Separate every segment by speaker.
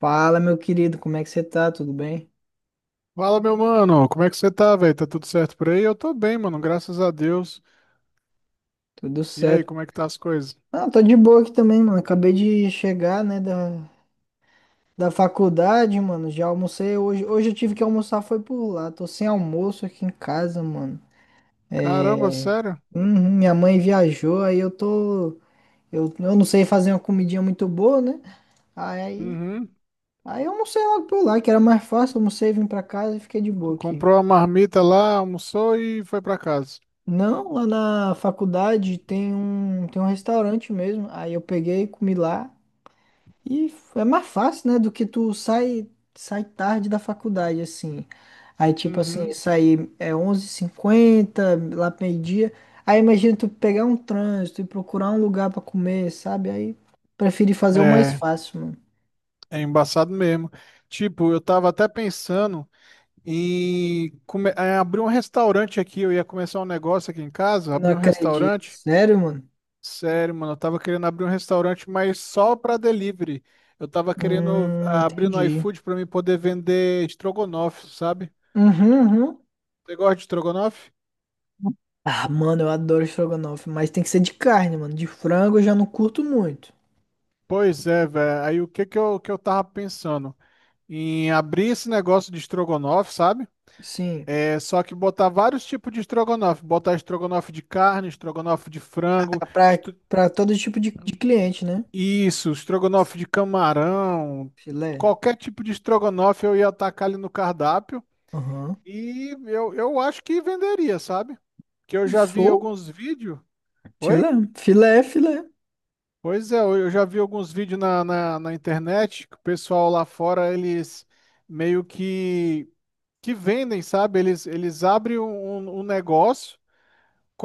Speaker 1: Fala, meu querido, como é que você tá? Tudo bem?
Speaker 2: Fala, meu mano, como é que você tá, velho? Tá tudo certo por aí? Eu tô bem, mano, graças a Deus.
Speaker 1: Tudo
Speaker 2: E aí,
Speaker 1: certo?
Speaker 2: como é que tá as coisas?
Speaker 1: Ah, tô de boa aqui também, mano. Acabei de chegar, né, da faculdade, mano. Já almocei hoje. Hoje eu tive que almoçar, foi por lá. Tô sem almoço aqui em casa, mano.
Speaker 2: Caramba,
Speaker 1: É.
Speaker 2: sério?
Speaker 1: Uhum, minha mãe viajou, aí eu tô. Eu não sei fazer uma comidinha muito boa, né? Aí,
Speaker 2: Uhum.
Speaker 1: aí eu almocei logo por lá, que era mais fácil. Almocei, vim pra casa e fiquei de
Speaker 2: Tu
Speaker 1: boa aqui.
Speaker 2: comprou a marmita lá, almoçou e foi pra casa.
Speaker 1: Não, lá na faculdade tem um restaurante mesmo. Aí eu peguei, comi lá. É mais fácil, né? Do que tu sai tarde da faculdade, assim. Aí, tipo assim,
Speaker 2: Uhum.
Speaker 1: sair é onze h 50 lá pro meio-dia. Aí imagina tu pegar um trânsito e procurar um lugar pra comer, sabe? Aí preferi fazer o mais
Speaker 2: É,
Speaker 1: fácil, mano.
Speaker 2: é embaçado mesmo. Tipo, eu tava até pensando em abrir um restaurante aqui. Eu ia começar um negócio aqui em casa,
Speaker 1: Não
Speaker 2: abrir um
Speaker 1: acredito.
Speaker 2: restaurante.
Speaker 1: Sério, mano?
Speaker 2: Sério, mano, eu tava querendo abrir um restaurante, mas só pra delivery. Eu tava querendo abrir no
Speaker 1: Entendi.
Speaker 2: iFood pra mim poder vender estrogonofe, sabe?
Speaker 1: Uhum, uhum.
Speaker 2: Você gosta de estrogonofe?
Speaker 1: Ah, mano, eu adoro estrogonofe, mas tem que ser de carne, mano. De frango eu já não curto muito.
Speaker 2: Pois é, velho. Aí o que que eu tava pensando? Em abrir esse negócio de estrogonofe, sabe?
Speaker 1: Sim,
Speaker 2: É só que botar vários tipos de estrogonofe. Botar estrogonofe de carne, estrogonofe de
Speaker 1: pra,
Speaker 2: frango,
Speaker 1: pra pra todo tipo de cliente, né?
Speaker 2: isso, estrogonofe de camarão.
Speaker 1: Filé.
Speaker 2: Qualquer tipo de estrogonofe eu ia atacar ali no cardápio.
Speaker 1: Aham.
Speaker 2: E eu acho que venderia, sabe? Que eu já vi
Speaker 1: Sou?
Speaker 2: alguns vídeos. Oi?
Speaker 1: Filé. Filé, filé.
Speaker 2: Pois é, eu já vi alguns vídeos na internet que o pessoal lá fora, eles meio que vendem, sabe? Eles abrem um negócio,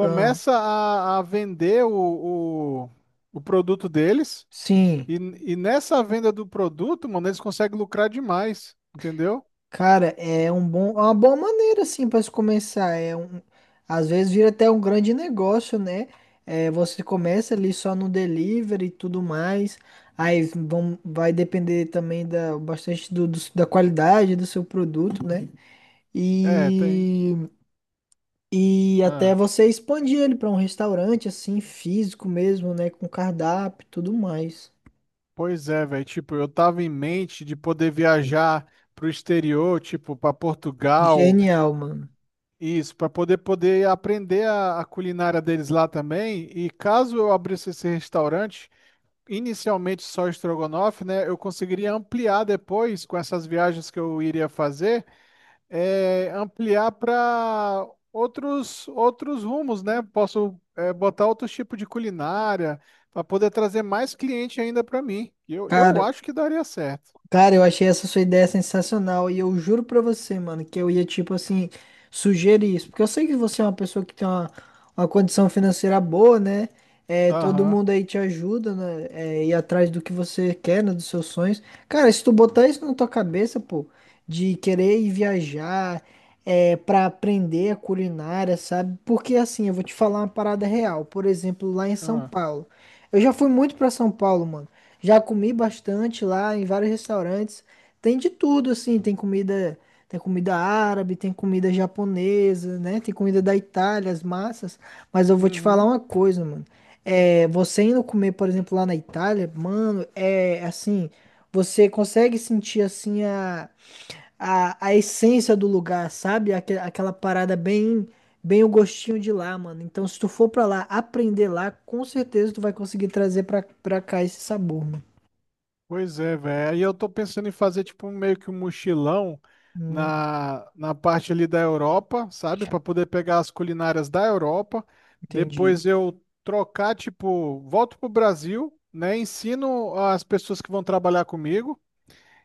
Speaker 1: Ah,
Speaker 2: a vender o produto deles,
Speaker 1: sim.
Speaker 2: e, e nessa venda do produto, mano, eles conseguem lucrar demais, entendeu?
Speaker 1: Cara, é um bom, é uma boa maneira assim para se começar. É um, às vezes vira até um grande negócio, né? É, você começa ali só no delivery e tudo mais. Aí vai depender também da bastante do, do- da qualidade do seu produto, né?
Speaker 2: É, tem.
Speaker 1: E, e até
Speaker 2: Ah.
Speaker 1: você expandir ele para um restaurante assim físico mesmo, né? Com cardápio e tudo mais.
Speaker 2: Pois é, velho. Tipo, eu tava em mente de poder viajar pro exterior, tipo, para Portugal,
Speaker 1: Genial, mano.
Speaker 2: isso, para poder aprender a culinária deles lá também. E caso eu abrisse esse restaurante, inicialmente só estrogonofe, né? Eu conseguiria ampliar depois com essas viagens que eu iria fazer ampliar para outros rumos, né? Posso botar outros tipos de culinária para poder trazer mais cliente ainda para mim. Eu
Speaker 1: Cara.
Speaker 2: acho que daria certo.
Speaker 1: Cara, eu achei essa sua ideia sensacional e eu juro pra você, mano, que eu ia, tipo assim, sugerir isso. Porque eu sei que você é uma pessoa que tem uma condição financeira boa, né? É, todo
Speaker 2: Aham.
Speaker 1: mundo aí te ajuda, né? É, ir atrás do que você quer, né? Dos seus sonhos. Cara, se tu botar isso na tua cabeça, pô, de querer ir viajar, é, pra aprender a culinária, sabe? Porque assim, eu vou te falar uma parada real. Por exemplo, lá em São
Speaker 2: ah,
Speaker 1: Paulo. Eu já fui muito pra São Paulo, mano. Já comi bastante lá em vários restaurantes. Tem de tudo, assim. Tem comida árabe, tem comida japonesa, né? Tem comida da Itália, as massas. Mas eu vou te falar
Speaker 2: uhum.
Speaker 1: uma coisa, mano. É, você indo comer, por exemplo, lá na Itália, mano, é assim, você consegue sentir assim a, essência do lugar, sabe? Aquela parada bem o gostinho de lá, mano. Então, se tu for pra lá aprender lá, com certeza tu vai conseguir trazer pra cá esse sabor, mano.
Speaker 2: Pois é, velho. Aí eu tô pensando em fazer tipo meio que um mochilão
Speaker 1: Hum,
Speaker 2: na parte ali da Europa, sabe? Para poder pegar as culinárias da Europa.
Speaker 1: entendi.
Speaker 2: Depois eu trocar, tipo, volto pro Brasil, né? Ensino as pessoas que vão trabalhar comigo.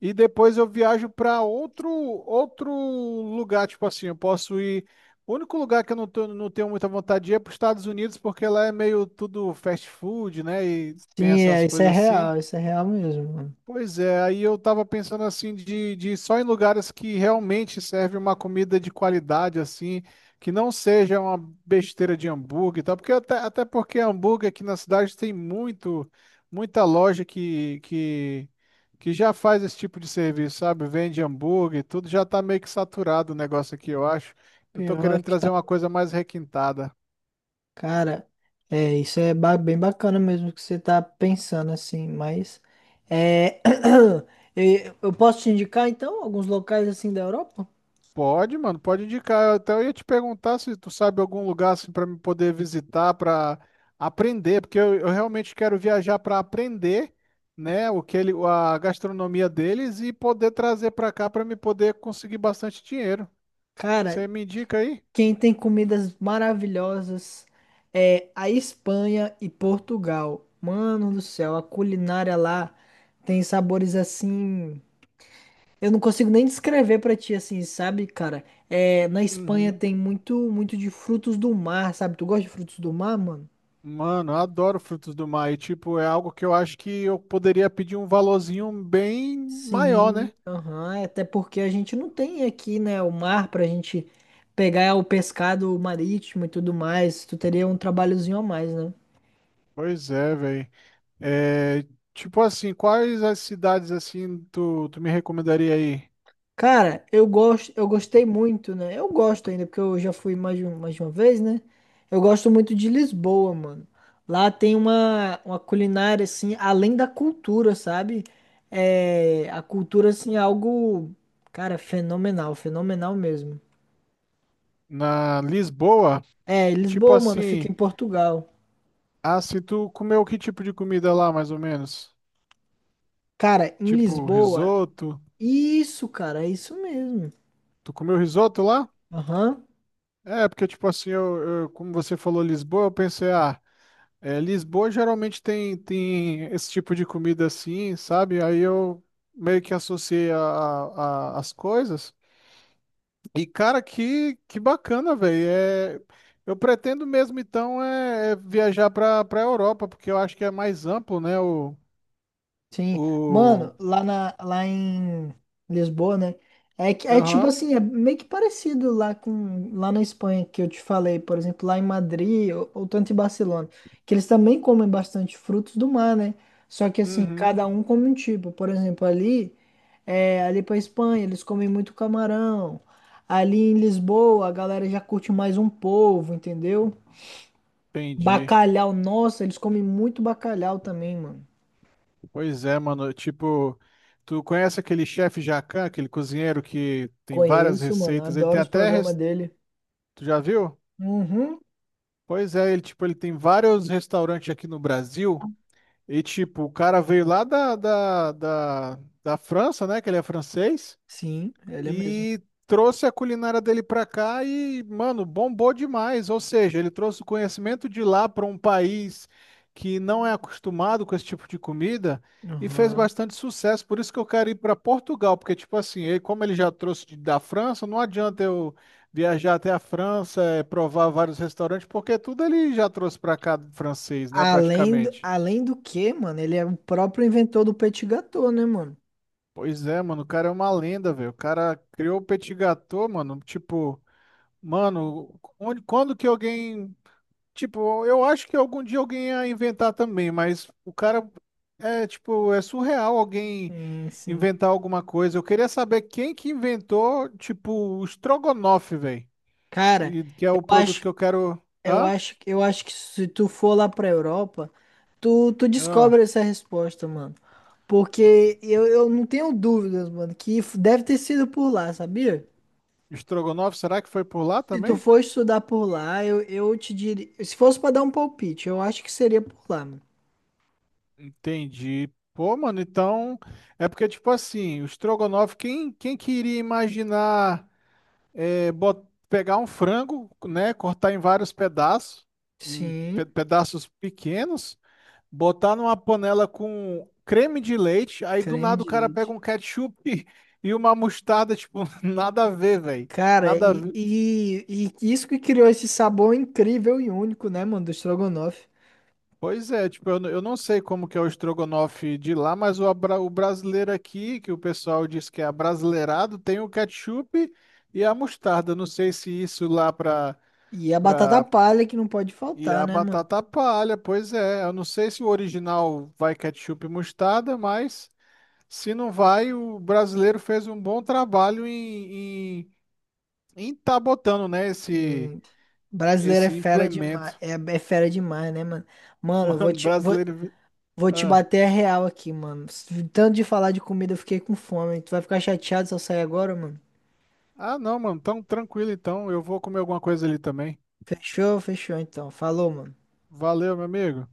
Speaker 2: E depois eu viajo para outro lugar, tipo assim, eu posso ir. O único lugar que eu não tenho muita vontade de ir é para os Estados Unidos, porque lá é meio tudo fast food, né? E tem
Speaker 1: Sim,
Speaker 2: essas
Speaker 1: é,
Speaker 2: coisas assim.
Speaker 1: isso é real mesmo, mano.
Speaker 2: Pois é, aí eu tava pensando assim de só em lugares que realmente serve uma comida de qualidade assim, que não seja uma besteira de hambúrguer e tal, porque até porque hambúrguer aqui na cidade tem muito, muita loja que já faz esse tipo de serviço, sabe? Vende hambúrguer, tudo já tá meio que saturado o negócio aqui, eu acho. Eu tô
Speaker 1: Pior
Speaker 2: querendo
Speaker 1: que
Speaker 2: trazer
Speaker 1: tá,
Speaker 2: uma coisa mais requintada.
Speaker 1: cara, é, isso é ba- bem bacana mesmo que você tá pensando assim, mas é, eu posso te indicar então alguns locais assim da Europa?
Speaker 2: Pode, mano, pode indicar. Eu até ia te perguntar se tu sabe algum lugar assim para me poder visitar, para aprender, porque eu realmente quero viajar para aprender, né, o que ele, a gastronomia deles e poder trazer para cá para me poder conseguir bastante dinheiro.
Speaker 1: Cara,
Speaker 2: Você me indica aí?
Speaker 1: quem tem comidas maravilhosas é a Espanha e Portugal. Mano do céu, a culinária lá tem sabores assim. Eu não consigo nem descrever pra ti assim, sabe, cara? É, na Espanha
Speaker 2: Uhum.
Speaker 1: tem muito, muito de frutos do mar, sabe? Tu gosta de frutos do mar, mano?
Speaker 2: Mano, eu adoro frutos do mar e tipo, é algo que eu acho que eu poderia pedir um valorzinho bem maior,
Speaker 1: Sim.
Speaker 2: né?
Speaker 1: Aham, é até porque a gente não tem aqui, né, o mar pra gente pegar é o pescado marítimo e tudo mais. Tu teria um trabalhozinho a mais, né?
Speaker 2: Pois é, velho. É, tipo assim, quais as cidades assim tu me recomendaria aí?
Speaker 1: Cara, eu gosto, eu gostei muito, né? Eu gosto ainda, porque eu já fui mais de uma vez, né? Eu gosto muito de Lisboa, mano. Lá tem uma culinária, assim, além da cultura, sabe? É, a cultura, assim, é algo, cara, fenomenal, fenomenal mesmo.
Speaker 2: Na Lisboa?
Speaker 1: É,
Speaker 2: E, tipo
Speaker 1: Lisboa, mano, fica em
Speaker 2: assim,
Speaker 1: Portugal.
Speaker 2: se tu comeu que tipo de comida lá, mais ou menos?
Speaker 1: Cara, em
Speaker 2: Tipo
Speaker 1: Lisboa,
Speaker 2: risoto?
Speaker 1: isso, cara, é isso mesmo.
Speaker 2: Tu comeu risoto lá?
Speaker 1: Aham.
Speaker 2: É, porque tipo assim, como você falou Lisboa, eu pensei, Lisboa geralmente tem esse tipo de comida assim, sabe? Aí eu meio que associei as coisas. E, cara, que bacana, velho. É, eu pretendo mesmo, então, é viajar para Europa, porque eu acho que é mais amplo, né?
Speaker 1: Sim,
Speaker 2: O...
Speaker 1: mano, lá em Lisboa, né? É, que- é tipo
Speaker 2: Aham,
Speaker 1: assim, é meio que parecido lá com lá na Espanha que eu te falei, por exemplo, lá em Madrid ou tanto em Barcelona, que eles também comem bastante frutos do mar, né? Só que assim,
Speaker 2: uhum,
Speaker 1: cada um come um tipo. Por exemplo, ali, é, ali pra Espanha, eles comem muito camarão. Ali em Lisboa, a galera já curte mais um polvo, entendeu?
Speaker 2: entendi.
Speaker 1: Bacalhau, nossa, eles comem muito bacalhau também, mano.
Speaker 2: Pois é, mano. Tipo, tu conhece aquele chefe Jacan, aquele cozinheiro que tem várias
Speaker 1: Conheço, mano.
Speaker 2: receitas? Ele
Speaker 1: Adoro
Speaker 2: tem
Speaker 1: os
Speaker 2: até...
Speaker 1: programas
Speaker 2: res-
Speaker 1: dele.
Speaker 2: Tu já viu?
Speaker 1: Uhum.
Speaker 2: Pois é, ele, tipo, ele tem vários restaurantes aqui no Brasil. E, tipo, o cara veio lá da França, né? Que ele é francês.
Speaker 1: Sim, ele é mesmo.
Speaker 2: E trouxe a culinária dele pra cá e, mano, bombou demais. Ou seja, ele trouxe o conhecimento de lá para um país que não é acostumado com esse tipo de comida e fez
Speaker 1: Aham.
Speaker 2: bastante sucesso. Por isso que eu quero ir para Portugal, porque, tipo assim, ele, como ele já trouxe da França, não adianta eu viajar até a França, provar vários restaurantes, porque tudo ele já trouxe pra cá francês, né, praticamente.
Speaker 1: Além do que, mano, ele é o próprio inventor do petit gâteau, né, mano?
Speaker 2: Pois é, mano, o cara é uma lenda, velho. O cara criou o petit gâteau, mano, tipo. Mano, quando que alguém. Tipo, eu acho que algum dia alguém ia inventar também, mas o cara. É, tipo, é surreal alguém
Speaker 1: Sim, sim.
Speaker 2: inventar alguma coisa. Eu queria saber quem que inventou, tipo, o estrogonofe, velho.
Speaker 1: Cara,
Speaker 2: E que é
Speaker 1: eu
Speaker 2: o produto
Speaker 1: acho,
Speaker 2: que eu quero.
Speaker 1: eu
Speaker 2: Hã?
Speaker 1: acho, eu acho que se tu for lá pra Europa, tu descobre
Speaker 2: Ah,
Speaker 1: essa resposta, mano. Porque eu não tenho dúvidas, mano, que f- deve ter sido por lá, sabia?
Speaker 2: estrogonofe, será que foi por lá
Speaker 1: Se tu
Speaker 2: também?
Speaker 1: for estudar por lá, eu te diria. Se fosse pra dar um palpite, eu acho que seria por lá, mano.
Speaker 2: Entendi. Pô, mano, então. É porque, tipo assim, o estrogonofe, quem que iria imaginar. Pegar um frango, né, cortar em vários pedaços, em
Speaker 1: Sim,
Speaker 2: pedaços pequenos, botar numa panela com creme de leite, aí do
Speaker 1: creme
Speaker 2: nada o
Speaker 1: de
Speaker 2: cara pega
Speaker 1: leite.
Speaker 2: um ketchup e uma mostarda, tipo, nada a ver, velho.
Speaker 1: Cara,
Speaker 2: Nada a
Speaker 1: e,
Speaker 2: ver.
Speaker 1: e, e isso que criou esse sabor incrível e único, né, mano, do estrogonofe.
Speaker 2: Pois é, tipo, eu não sei como que é o estrogonofe de lá, mas o brasileiro aqui, que o pessoal diz que é abrasileirado, tem o ketchup e a mostarda. Não sei se isso lá para.
Speaker 1: E a batata palha que não pode
Speaker 2: E
Speaker 1: faltar,
Speaker 2: a
Speaker 1: né, mano?
Speaker 2: batata palha, pois é. Eu não sei se o original vai ketchup e mostarda, mas se não vai, o brasileiro fez um bom trabalho em, tá botando, né, esse,
Speaker 1: Hum, brasileiro é
Speaker 2: esse
Speaker 1: fera demais,
Speaker 2: implemento.
Speaker 1: é fera demais, né, mano? Mano, eu vou
Speaker 2: Mano,
Speaker 1: te, vou,
Speaker 2: brasileiro.
Speaker 1: vou te
Speaker 2: Ah,
Speaker 1: bater a real aqui, mano. Tanto de falar de comida, eu fiquei com fome. Tu vai ficar chateado se eu sair agora, mano?
Speaker 2: ah, não, mano, tão tranquilo então. Eu vou comer alguma coisa ali também.
Speaker 1: Fechou? Fechou, então. Falou, mano.
Speaker 2: Valeu, meu amigo.